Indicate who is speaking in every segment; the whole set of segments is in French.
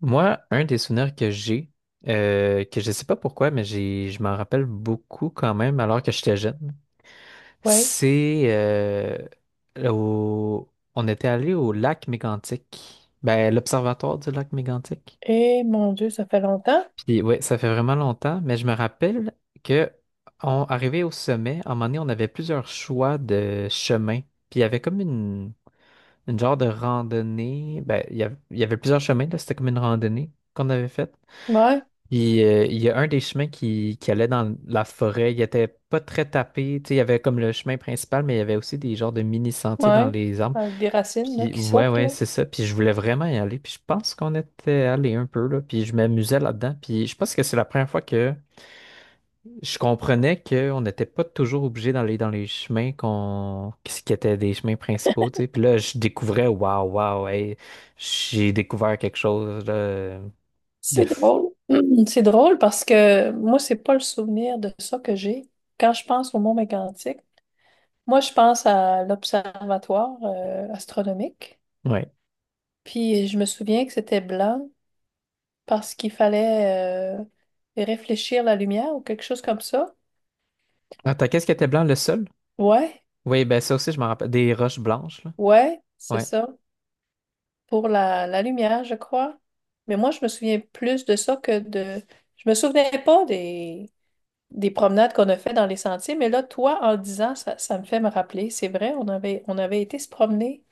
Speaker 1: Moi, un des souvenirs que j'ai, que je sais pas pourquoi, mais je m'en rappelle beaucoup quand même, alors que j'étais jeune,
Speaker 2: Ouais.
Speaker 1: c'est au- on était allé au lac Mégantic, ben l'observatoire du lac Mégantic.
Speaker 2: Et mon Dieu, ça fait longtemps.
Speaker 1: Puis ouais, ça fait vraiment longtemps, mais je me rappelle que on arrivait au sommet, à un moment donné, on avait plusieurs choix de chemins. Puis il y avait comme une genre de randonnée, ben il y avait plusieurs chemins là, c'était comme une randonnée qu'on avait faite.
Speaker 2: Ouais,
Speaker 1: Il y a un des chemins qui allait dans la forêt. Il était pas très tapé. Tu sais, il y avait comme le chemin principal, mais il y avait aussi des genres de mini-sentiers dans
Speaker 2: ouais.
Speaker 1: les arbres.
Speaker 2: Avec des racines là,
Speaker 1: Puis
Speaker 2: qui
Speaker 1: ouais,
Speaker 2: sortent,
Speaker 1: ouais,
Speaker 2: là.
Speaker 1: c'est ça. Puis je voulais vraiment y aller. Puis je pense qu'on était allé un peu là. Puis je m'amusais là-dedans. Puis je pense que c'est la première fois que je comprenais qu'on n'était pas toujours obligé d'aller dans les chemins qu'on qui étaient des chemins principaux. Tu sais. Puis là, je découvrais, waouh, waouh, hey, j'ai découvert quelque chose là, de...
Speaker 2: C'est
Speaker 1: f-
Speaker 2: drôle. C'est drôle parce que moi, c'est pas le souvenir de ça que j'ai. Quand je pense au Mont Mégantic, moi, je pense à l'observatoire astronomique.
Speaker 1: Ouais.
Speaker 2: Puis je me souviens que c'était blanc parce qu'il fallait réfléchir la lumière ou quelque chose comme ça.
Speaker 1: Attends, qu'est-ce qui était blanc, le sol?
Speaker 2: Ouais,
Speaker 1: Oui, ben ça aussi, je m'en rappelle. Des roches blanches, là.
Speaker 2: ouais, c'est
Speaker 1: Ouais.
Speaker 2: ça. Pour la lumière, je crois. Mais moi, je me souviens plus de ça que de... Je me souvenais pas des promenades qu'on a fait dans les sentiers, mais là, toi, en le disant, ça me fait me rappeler. C'est vrai, on avait été se promener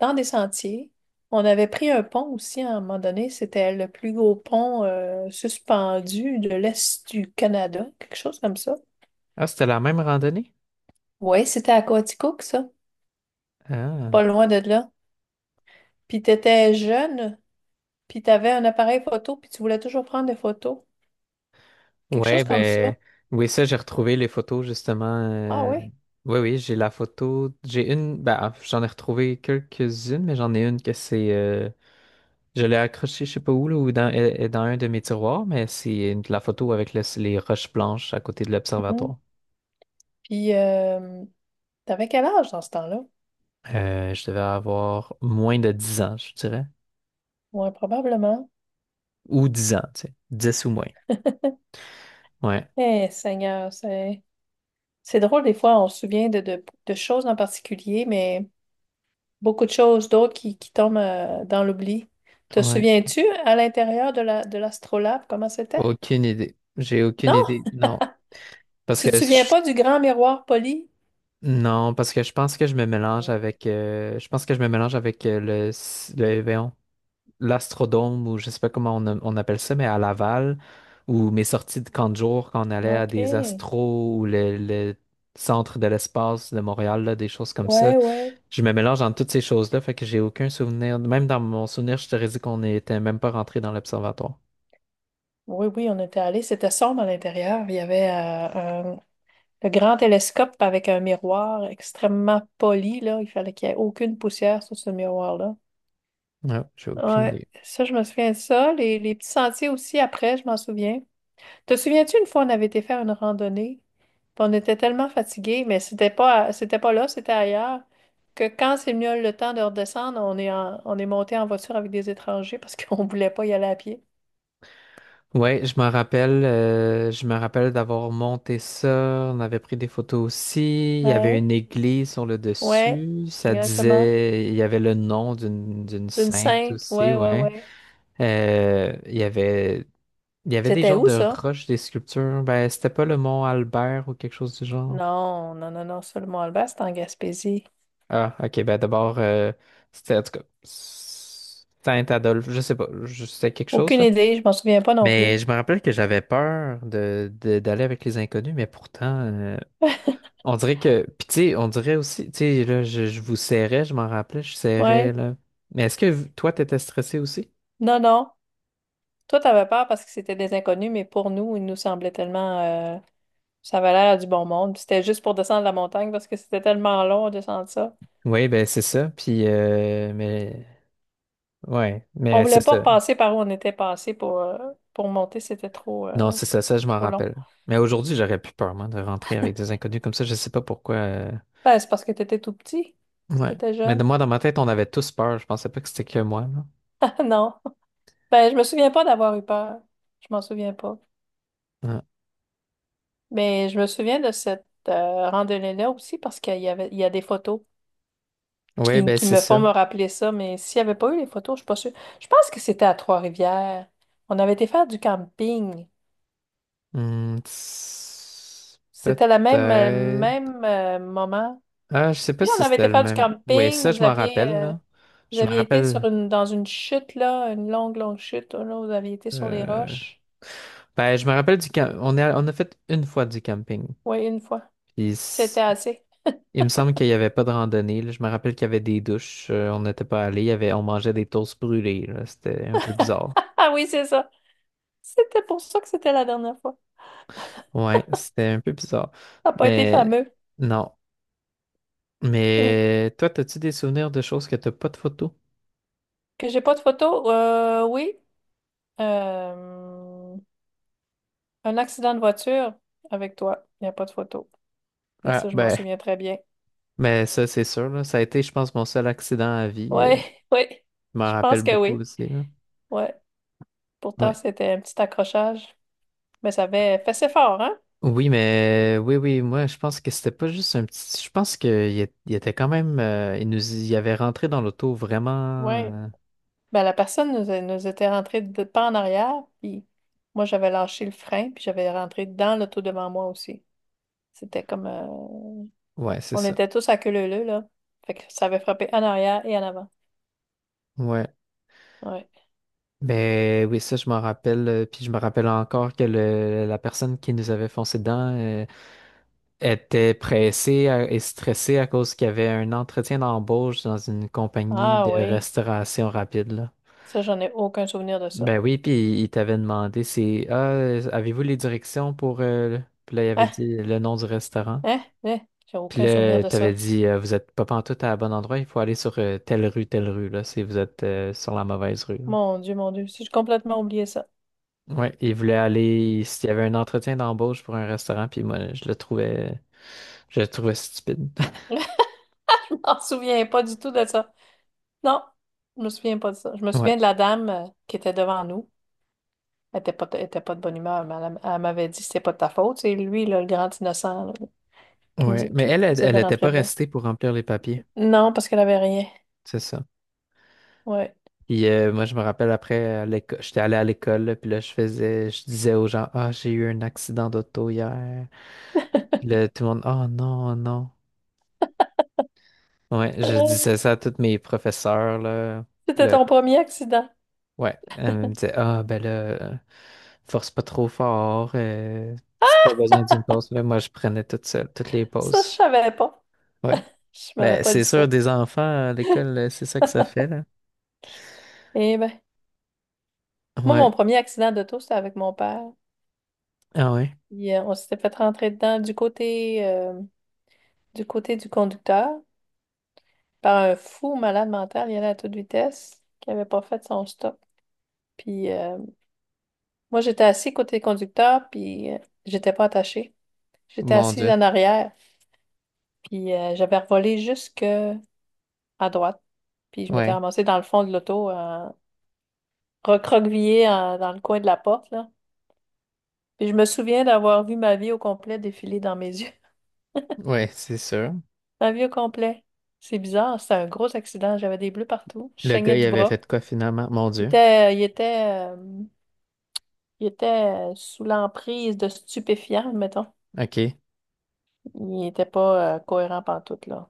Speaker 2: dans des sentiers. On avait pris un pont aussi à un moment donné. C'était le plus gros pont suspendu de l'Est du Canada, quelque chose comme ça.
Speaker 1: Ah, c'était la même randonnée?
Speaker 2: Oui, c'était à Coaticook, ça, pas
Speaker 1: Ah.
Speaker 2: loin de là. Puis t'étais jeune, puis t'avais un appareil photo, puis tu voulais toujours prendre des photos. Quelque
Speaker 1: Ouais,
Speaker 2: chose comme ça.
Speaker 1: ben. Oui, ça, j'ai retrouvé les photos, justement.
Speaker 2: Ah
Speaker 1: euh,
Speaker 2: ouais.
Speaker 1: Oui, oui, j'ai la photo. J'ai une. Ben, ah, j'en ai retrouvé quelques-unes, mais j'en ai une que c'est. Je l'ai accrochée, je sais pas où, là, ou dans, est dans un de mes tiroirs, mais c'est la photo avec les roches blanches à côté de
Speaker 2: Mhm.
Speaker 1: l'observatoire.
Speaker 2: Puis, t'avais quel âge dans ce temps-là?
Speaker 1: Je devais avoir moins de 10 ans, je dirais.
Speaker 2: Ouais, probablement.
Speaker 1: Ou 10 ans, tu sais. 10 ou moins. Ouais.
Speaker 2: Eh, Seigneur, c'est drôle, des fois, on se souvient de choses en particulier, mais beaucoup de choses d'autres qui tombent dans l'oubli. Te
Speaker 1: Ouais.
Speaker 2: souviens-tu à l'intérieur de de l'astrolabe, comment c'était?
Speaker 1: Aucune idée. J'ai aucune
Speaker 2: Non,
Speaker 1: idée. Non. Parce
Speaker 2: tu te
Speaker 1: que
Speaker 2: souviens
Speaker 1: je...
Speaker 2: pas du grand miroir poli?
Speaker 1: non, parce que
Speaker 2: Euh,
Speaker 1: je pense que je me mélange avec le voyons, l'Astrodome ou je sais pas comment on appelle ça, mais à Laval, ou mes sorties de camp de jour quand on allait à des
Speaker 2: OK.
Speaker 1: astros ou le centre de l'espace de Montréal, là, des choses comme ça.
Speaker 2: Ouais, ouais.
Speaker 1: Je me mélange dans toutes ces choses-là, fait que j'ai aucun souvenir. Même dans mon souvenir, je te dit qu'on n'était même pas rentré dans l'observatoire.
Speaker 2: Oui, oui, on était allés. C'était sombre à l'intérieur. Il y avait le grand télescope avec un miroir extrêmement poli, là. Il fallait qu'il n'y ait aucune poussière sur ce miroir-là.
Speaker 1: Ouais, j'ai aucune
Speaker 2: Ouais,
Speaker 1: idée.
Speaker 2: ça, je me souviens de ça. Les petits sentiers aussi, après, je m'en souviens. Te souviens-tu, une fois, on avait été faire une randonnée, puis on était tellement fatigués, mais c'était pas, c'était pas là, c'était ailleurs, que quand c'est venu le temps de redescendre, on est monté en voiture avec des étrangers parce qu'on voulait pas y aller à pied.
Speaker 1: Ouais, je me rappelle d'avoir monté ça. On avait pris des photos aussi. Il y avait
Speaker 2: Ouais.
Speaker 1: une église sur le
Speaker 2: Ouais,
Speaker 1: dessus. Ça
Speaker 2: exactement.
Speaker 1: disait, il y avait le nom d'une
Speaker 2: Une
Speaker 1: sainte
Speaker 2: sainte,
Speaker 1: aussi,
Speaker 2: ouais, ouais,
Speaker 1: ouais.
Speaker 2: ouais.
Speaker 1: Euh, il y avait, il y avait des
Speaker 2: C'était
Speaker 1: genres
Speaker 2: où
Speaker 1: de
Speaker 2: ça?
Speaker 1: roches, des sculptures. Ben, c'était pas le mont Albert ou quelque chose du genre.
Speaker 2: Non, non, non, non, ça, le Mont-Alban, c'était en Gaspésie.
Speaker 1: Ah, ok. Ben d'abord, c'était en tout cas Saint-Adolphe. Je sais pas, c'était quelque chose
Speaker 2: Aucune
Speaker 1: là.
Speaker 2: idée, je m'en souviens pas non
Speaker 1: Mais
Speaker 2: plus.
Speaker 1: je me rappelle que j'avais peur d'aller avec les inconnus, mais pourtant, on dirait que. Puis tu sais, on dirait aussi, tu sais, là, je vous serrais, je m'en rappelais, je serrais,
Speaker 2: Ouais,
Speaker 1: là. Mais est-ce que toi, t'étais stressé aussi?
Speaker 2: non, non. Toi, t'avais peur parce que c'était des inconnus, mais pour nous, il nous semblait tellement... ça avait l'air du bon monde. Puis c'était juste pour descendre la montagne parce que c'était tellement long de descendre ça.
Speaker 1: Oui, ben c'est ça. Puis, mais. Ouais,
Speaker 2: On
Speaker 1: mais
Speaker 2: voulait
Speaker 1: c'est
Speaker 2: pas
Speaker 1: ça.
Speaker 2: repasser par où on était passé pour monter, c'était trop,
Speaker 1: Non, c'est ça, ça, je m'en
Speaker 2: trop long.
Speaker 1: rappelle. Mais aujourd'hui, j'aurais plus peur, moi, de rentrer avec des inconnus comme ça, je sais pas pourquoi.
Speaker 2: Ben, c'est parce que t'étais tout petit,
Speaker 1: Ouais.
Speaker 2: t'étais
Speaker 1: Mais de
Speaker 2: jeune.
Speaker 1: moi, dans ma tête, on avait tous peur, je pensais pas que c'était que moi, là.
Speaker 2: Non. Ben, je me souviens pas d'avoir eu peur. Je m'en souviens pas.
Speaker 1: Ouais,
Speaker 2: Mais je me souviens de cette randonnée-là aussi parce qu'il y avait, il y a des photos
Speaker 1: ouais, ben
Speaker 2: qui
Speaker 1: c'est
Speaker 2: me font
Speaker 1: ça.
Speaker 2: me rappeler ça. Mais s'il n'y avait pas eu les photos, je suis pas sûre. Je pense que c'était à Trois-Rivières. On avait été faire du camping.
Speaker 1: Hmm, tss,
Speaker 2: C'était le même,
Speaker 1: peut-être.
Speaker 2: même moment.
Speaker 1: Ah, je sais pas
Speaker 2: Oui, on
Speaker 1: si
Speaker 2: avait été
Speaker 1: c'était le
Speaker 2: faire du
Speaker 1: même. Ouais,
Speaker 2: camping.
Speaker 1: ça, je m'en rappelle, là.
Speaker 2: Vous
Speaker 1: Je me
Speaker 2: aviez été sur
Speaker 1: rappelle.
Speaker 2: une, dans une chute, là, longue chute. Là, vous aviez été sur les
Speaker 1: euh,
Speaker 2: roches.
Speaker 1: Ben, je me rappelle du camp. On a fait une fois du camping.
Speaker 2: Oui, une fois.
Speaker 1: Puis
Speaker 2: C'était assez.
Speaker 1: il me semble qu'il n'y avait pas de randonnée, là. Je me rappelle qu'il y avait des douches. On n'était pas allé. Il y avait... On mangeait des toasts brûlés, là. C'était un peu bizarre.
Speaker 2: Ah oui, c'est ça. C'était pour ça que c'était la dernière fois.
Speaker 1: Ouais, c'était un peu bizarre.
Speaker 2: Ça n'a pas été
Speaker 1: Mais
Speaker 2: fameux.
Speaker 1: non.
Speaker 2: Hum.
Speaker 1: Mais toi, as-tu des souvenirs de choses que t'as pas de photos?
Speaker 2: Que j'ai pas de photo? Oui. Euh, un accident de voiture avec toi. Il n'y a pas de photo. Mais
Speaker 1: Ah,
Speaker 2: ça, je m'en
Speaker 1: ben.
Speaker 2: souviens très bien.
Speaker 1: Mais ça, c'est sûr, là. Ça a été, je pense, mon seul accident à vie.
Speaker 2: Oui, oui.
Speaker 1: Je m'en
Speaker 2: Je
Speaker 1: rappelle
Speaker 2: pense que
Speaker 1: beaucoup
Speaker 2: oui.
Speaker 1: aussi, là.
Speaker 2: Ouais. Pourtant,
Speaker 1: Ouais.
Speaker 2: c'était un petit accrochage. Mais ça avait fait ses fort, hein?
Speaker 1: Oui, mais oui, oui, moi, je pense que c'était pas juste un petit. Je pense qu'il était quand même. Il nous y avait rentré dans l'auto vraiment.
Speaker 2: Oui.
Speaker 1: euh,
Speaker 2: Ben, la personne nous, est- nous était rentrée de pas en arrière, puis moi, j'avais lâché le frein, puis j'avais rentré dans l'auto devant moi aussi. C'était comme...
Speaker 1: Ouais, c'est
Speaker 2: on
Speaker 1: ça.
Speaker 2: était tous à queue leu leu, là. Fait que ça avait frappé en arrière et en avant.
Speaker 1: Ouais.
Speaker 2: Ouais.
Speaker 1: Ben oui, ça, je m'en rappelle. Puis je me rappelle encore que la personne qui nous avait foncé dedans était pressée et stressée à cause qu'il y avait un entretien d'embauche dans une compagnie
Speaker 2: Ah
Speaker 1: de
Speaker 2: oui.
Speaker 1: restauration rapide, là.
Speaker 2: Ça, j'en ai aucun souvenir de ça.
Speaker 1: Ben oui, puis il t'avait demandé c'est Ah, avez-vous les directions pour Puis là, il avait
Speaker 2: Hein?
Speaker 1: dit le nom du restaurant.
Speaker 2: Hein? Hein? J'ai
Speaker 1: Puis
Speaker 2: aucun souvenir
Speaker 1: là,
Speaker 2: de
Speaker 1: t'avais
Speaker 2: ça.
Speaker 1: dit vous êtes pas pantoute à bon endroit, il faut aller sur telle rue, là, si vous êtes sur la mauvaise rue. Là.
Speaker 2: Mon Dieu, mon Dieu. J'ai complètement oublié ça.
Speaker 1: Ouais, il voulait aller s'il y avait un entretien d'embauche pour un restaurant, puis moi, je le trouvais stupide.
Speaker 2: Je m'en souviens pas du tout de ça. Non, je me souviens pas de ça. Je me
Speaker 1: Ouais,
Speaker 2: souviens de la dame qui était devant nous. Elle était pas de bonne humeur, mais elle m'avait dit c'est pas de ta faute. C'est lui, là, le grand innocent, là,
Speaker 1: ouais. Mais elle,
Speaker 2: qui
Speaker 1: elle,
Speaker 2: nous
Speaker 1: elle
Speaker 2: avait
Speaker 1: était
Speaker 2: rentré
Speaker 1: pas
Speaker 2: dedans.
Speaker 1: restée pour remplir les papiers.
Speaker 2: Non, parce qu'elle avait rien.
Speaker 1: C'est ça.
Speaker 2: Ouais.
Speaker 1: Puis moi, je me rappelle après, j'étais allé à l'école, là, puis là, je disais aux gens, Ah, j'ai eu un accident d'auto hier. Puis là, tout le monde, Oh non, oh non. Ouais, je disais ça à tous mes professeurs, là. Puis
Speaker 2: C'était
Speaker 1: là,
Speaker 2: ton premier accident.
Speaker 1: ouais, elle me disait, Ah, ben là, euh, force pas trop fort. Si t'as besoin d'une pause, là, moi, je prenais toute seule, toutes les
Speaker 2: Ça, je
Speaker 1: pauses.
Speaker 2: savais pas.
Speaker 1: Ouais.
Speaker 2: Je m'avais
Speaker 1: Ben,
Speaker 2: pas
Speaker 1: c'est
Speaker 2: dit
Speaker 1: sûr,
Speaker 2: ça.
Speaker 1: des enfants à l'école, c'est ça que ça fait, là.
Speaker 2: Eh ben, moi, mon
Speaker 1: Ouais.
Speaker 2: premier accident d'auto, c'était avec mon père.
Speaker 1: Ah ouais.
Speaker 2: On s'était fait rentrer dedans du côté, du côté du conducteur par un fou malade mental. Il allait à toute vitesse, qui avait pas fait son stop. Puis moi, j'étais assise côté conducteur, puis j'étais pas attachée. J'étais
Speaker 1: Mon
Speaker 2: assise
Speaker 1: Dieu.
Speaker 2: en arrière, puis j'avais revolé jusque à droite. Puis je m'étais
Speaker 1: Ouais.
Speaker 2: ramassée dans le fond de l'auto, recroquevillée dans le coin de la porte, là. Puis je me souviens d'avoir vu ma vie au complet défiler dans mes yeux.
Speaker 1: Ouais, c'est sûr.
Speaker 2: Ma vie au complet. C'est bizarre, c'était un gros accident. J'avais des bleus partout. Je
Speaker 1: Le gars,
Speaker 2: saignais
Speaker 1: il
Speaker 2: du
Speaker 1: avait
Speaker 2: bras.
Speaker 1: fait quoi finalement? Mon
Speaker 2: Il
Speaker 1: Dieu.
Speaker 2: était, il était, euh, il était sous l'emprise de stupéfiants, mettons.
Speaker 1: OK.
Speaker 2: Il n'était pas cohérent pantoute, là.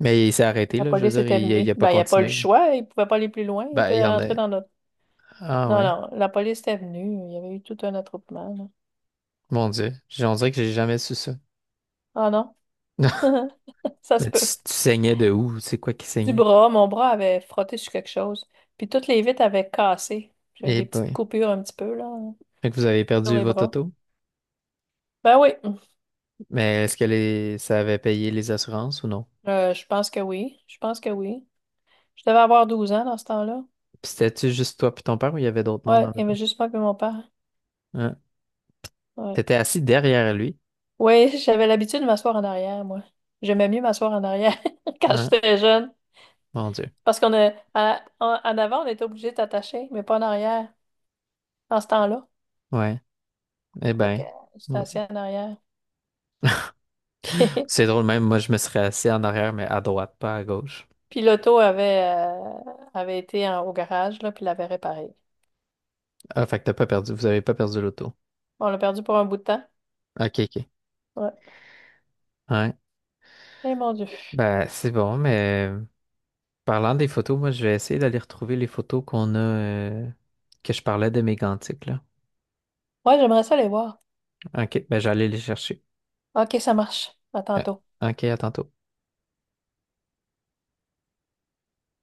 Speaker 1: Mais il s'est arrêté,
Speaker 2: La
Speaker 1: là. Je veux
Speaker 2: police
Speaker 1: dire,
Speaker 2: était
Speaker 1: il
Speaker 2: venue.
Speaker 1: a pas
Speaker 2: Ben, il n'y a pas eu le
Speaker 1: continué là.
Speaker 2: choix. Il ne pouvait pas aller plus loin. Il
Speaker 1: Ben, il
Speaker 2: était
Speaker 1: y en a.
Speaker 2: rentré dans notre...
Speaker 1: Ah
Speaker 2: Non,
Speaker 1: ouais.
Speaker 2: non, la police était venue. Il y avait eu tout un attroupement, là.
Speaker 1: Mon Dieu. On dirait que j'ai jamais su ça.
Speaker 2: Ah non, ça se
Speaker 1: Mais tu,
Speaker 2: peut.
Speaker 1: tu saignais de où? C'est quoi qui
Speaker 2: Du
Speaker 1: saignait?
Speaker 2: bras, mon bras avait frotté sur quelque chose. Puis toutes les vitres avaient cassé. J'avais
Speaker 1: Eh
Speaker 2: des petites
Speaker 1: ben.
Speaker 2: coupures un petit peu, là,
Speaker 1: Fait que vous avez
Speaker 2: sur
Speaker 1: perdu
Speaker 2: les
Speaker 1: votre
Speaker 2: bras.
Speaker 1: auto.
Speaker 2: Ben oui,
Speaker 1: Mais est-ce que les... ça avait payé les assurances ou non?
Speaker 2: je pense que oui. Je pense que oui. Je devais avoir 12 ans dans ce temps-là.
Speaker 1: Puis c'était-tu juste toi puis ton père ou il y avait d'autres monde
Speaker 2: Ouais,
Speaker 1: dans
Speaker 2: il y
Speaker 1: l'auto?
Speaker 2: avait juste moi et mon père.
Speaker 1: Hein?
Speaker 2: Ouais.
Speaker 1: T'étais assis derrière lui.
Speaker 2: Oui, j'avais l'habitude de m'asseoir en arrière, moi. J'aimais mieux m'asseoir en arrière quand
Speaker 1: Hein?
Speaker 2: j'étais jeune.
Speaker 1: Mon Dieu.
Speaker 2: Parce qu'on a, en avant, on était obligé de t'attacher, mais pas en arrière, dans ce temps-là.
Speaker 1: Ouais. Eh
Speaker 2: Fait que
Speaker 1: ben.
Speaker 2: j'étais
Speaker 1: Mon
Speaker 2: assis
Speaker 1: Dieu.
Speaker 2: en arrière.
Speaker 1: C'est drôle, même moi, je me serais assis en arrière, mais à droite, pas à gauche.
Speaker 2: Puis l'auto avait été au garage, là, puis l'avait réparé.
Speaker 1: Ah, fait que t'as pas perdu, vous avez pas perdu l'auto.
Speaker 2: Bon, on l'a perdu pour un bout de temps.
Speaker 1: Ok, ok.
Speaker 2: Ouais.
Speaker 1: Ouais.
Speaker 2: Eh mon Dieu.
Speaker 1: Ben, c'est bon, mais parlant des photos, moi, je vais essayer d'aller retrouver les photos qu'on a, que je parlais de mes gantiques, là.
Speaker 2: Ouais, j'aimerais ça les voir.
Speaker 1: Ok, ben, j'allais les chercher.
Speaker 2: OK, ça marche. À
Speaker 1: Euh,
Speaker 2: tantôt.
Speaker 1: ok, à tantôt.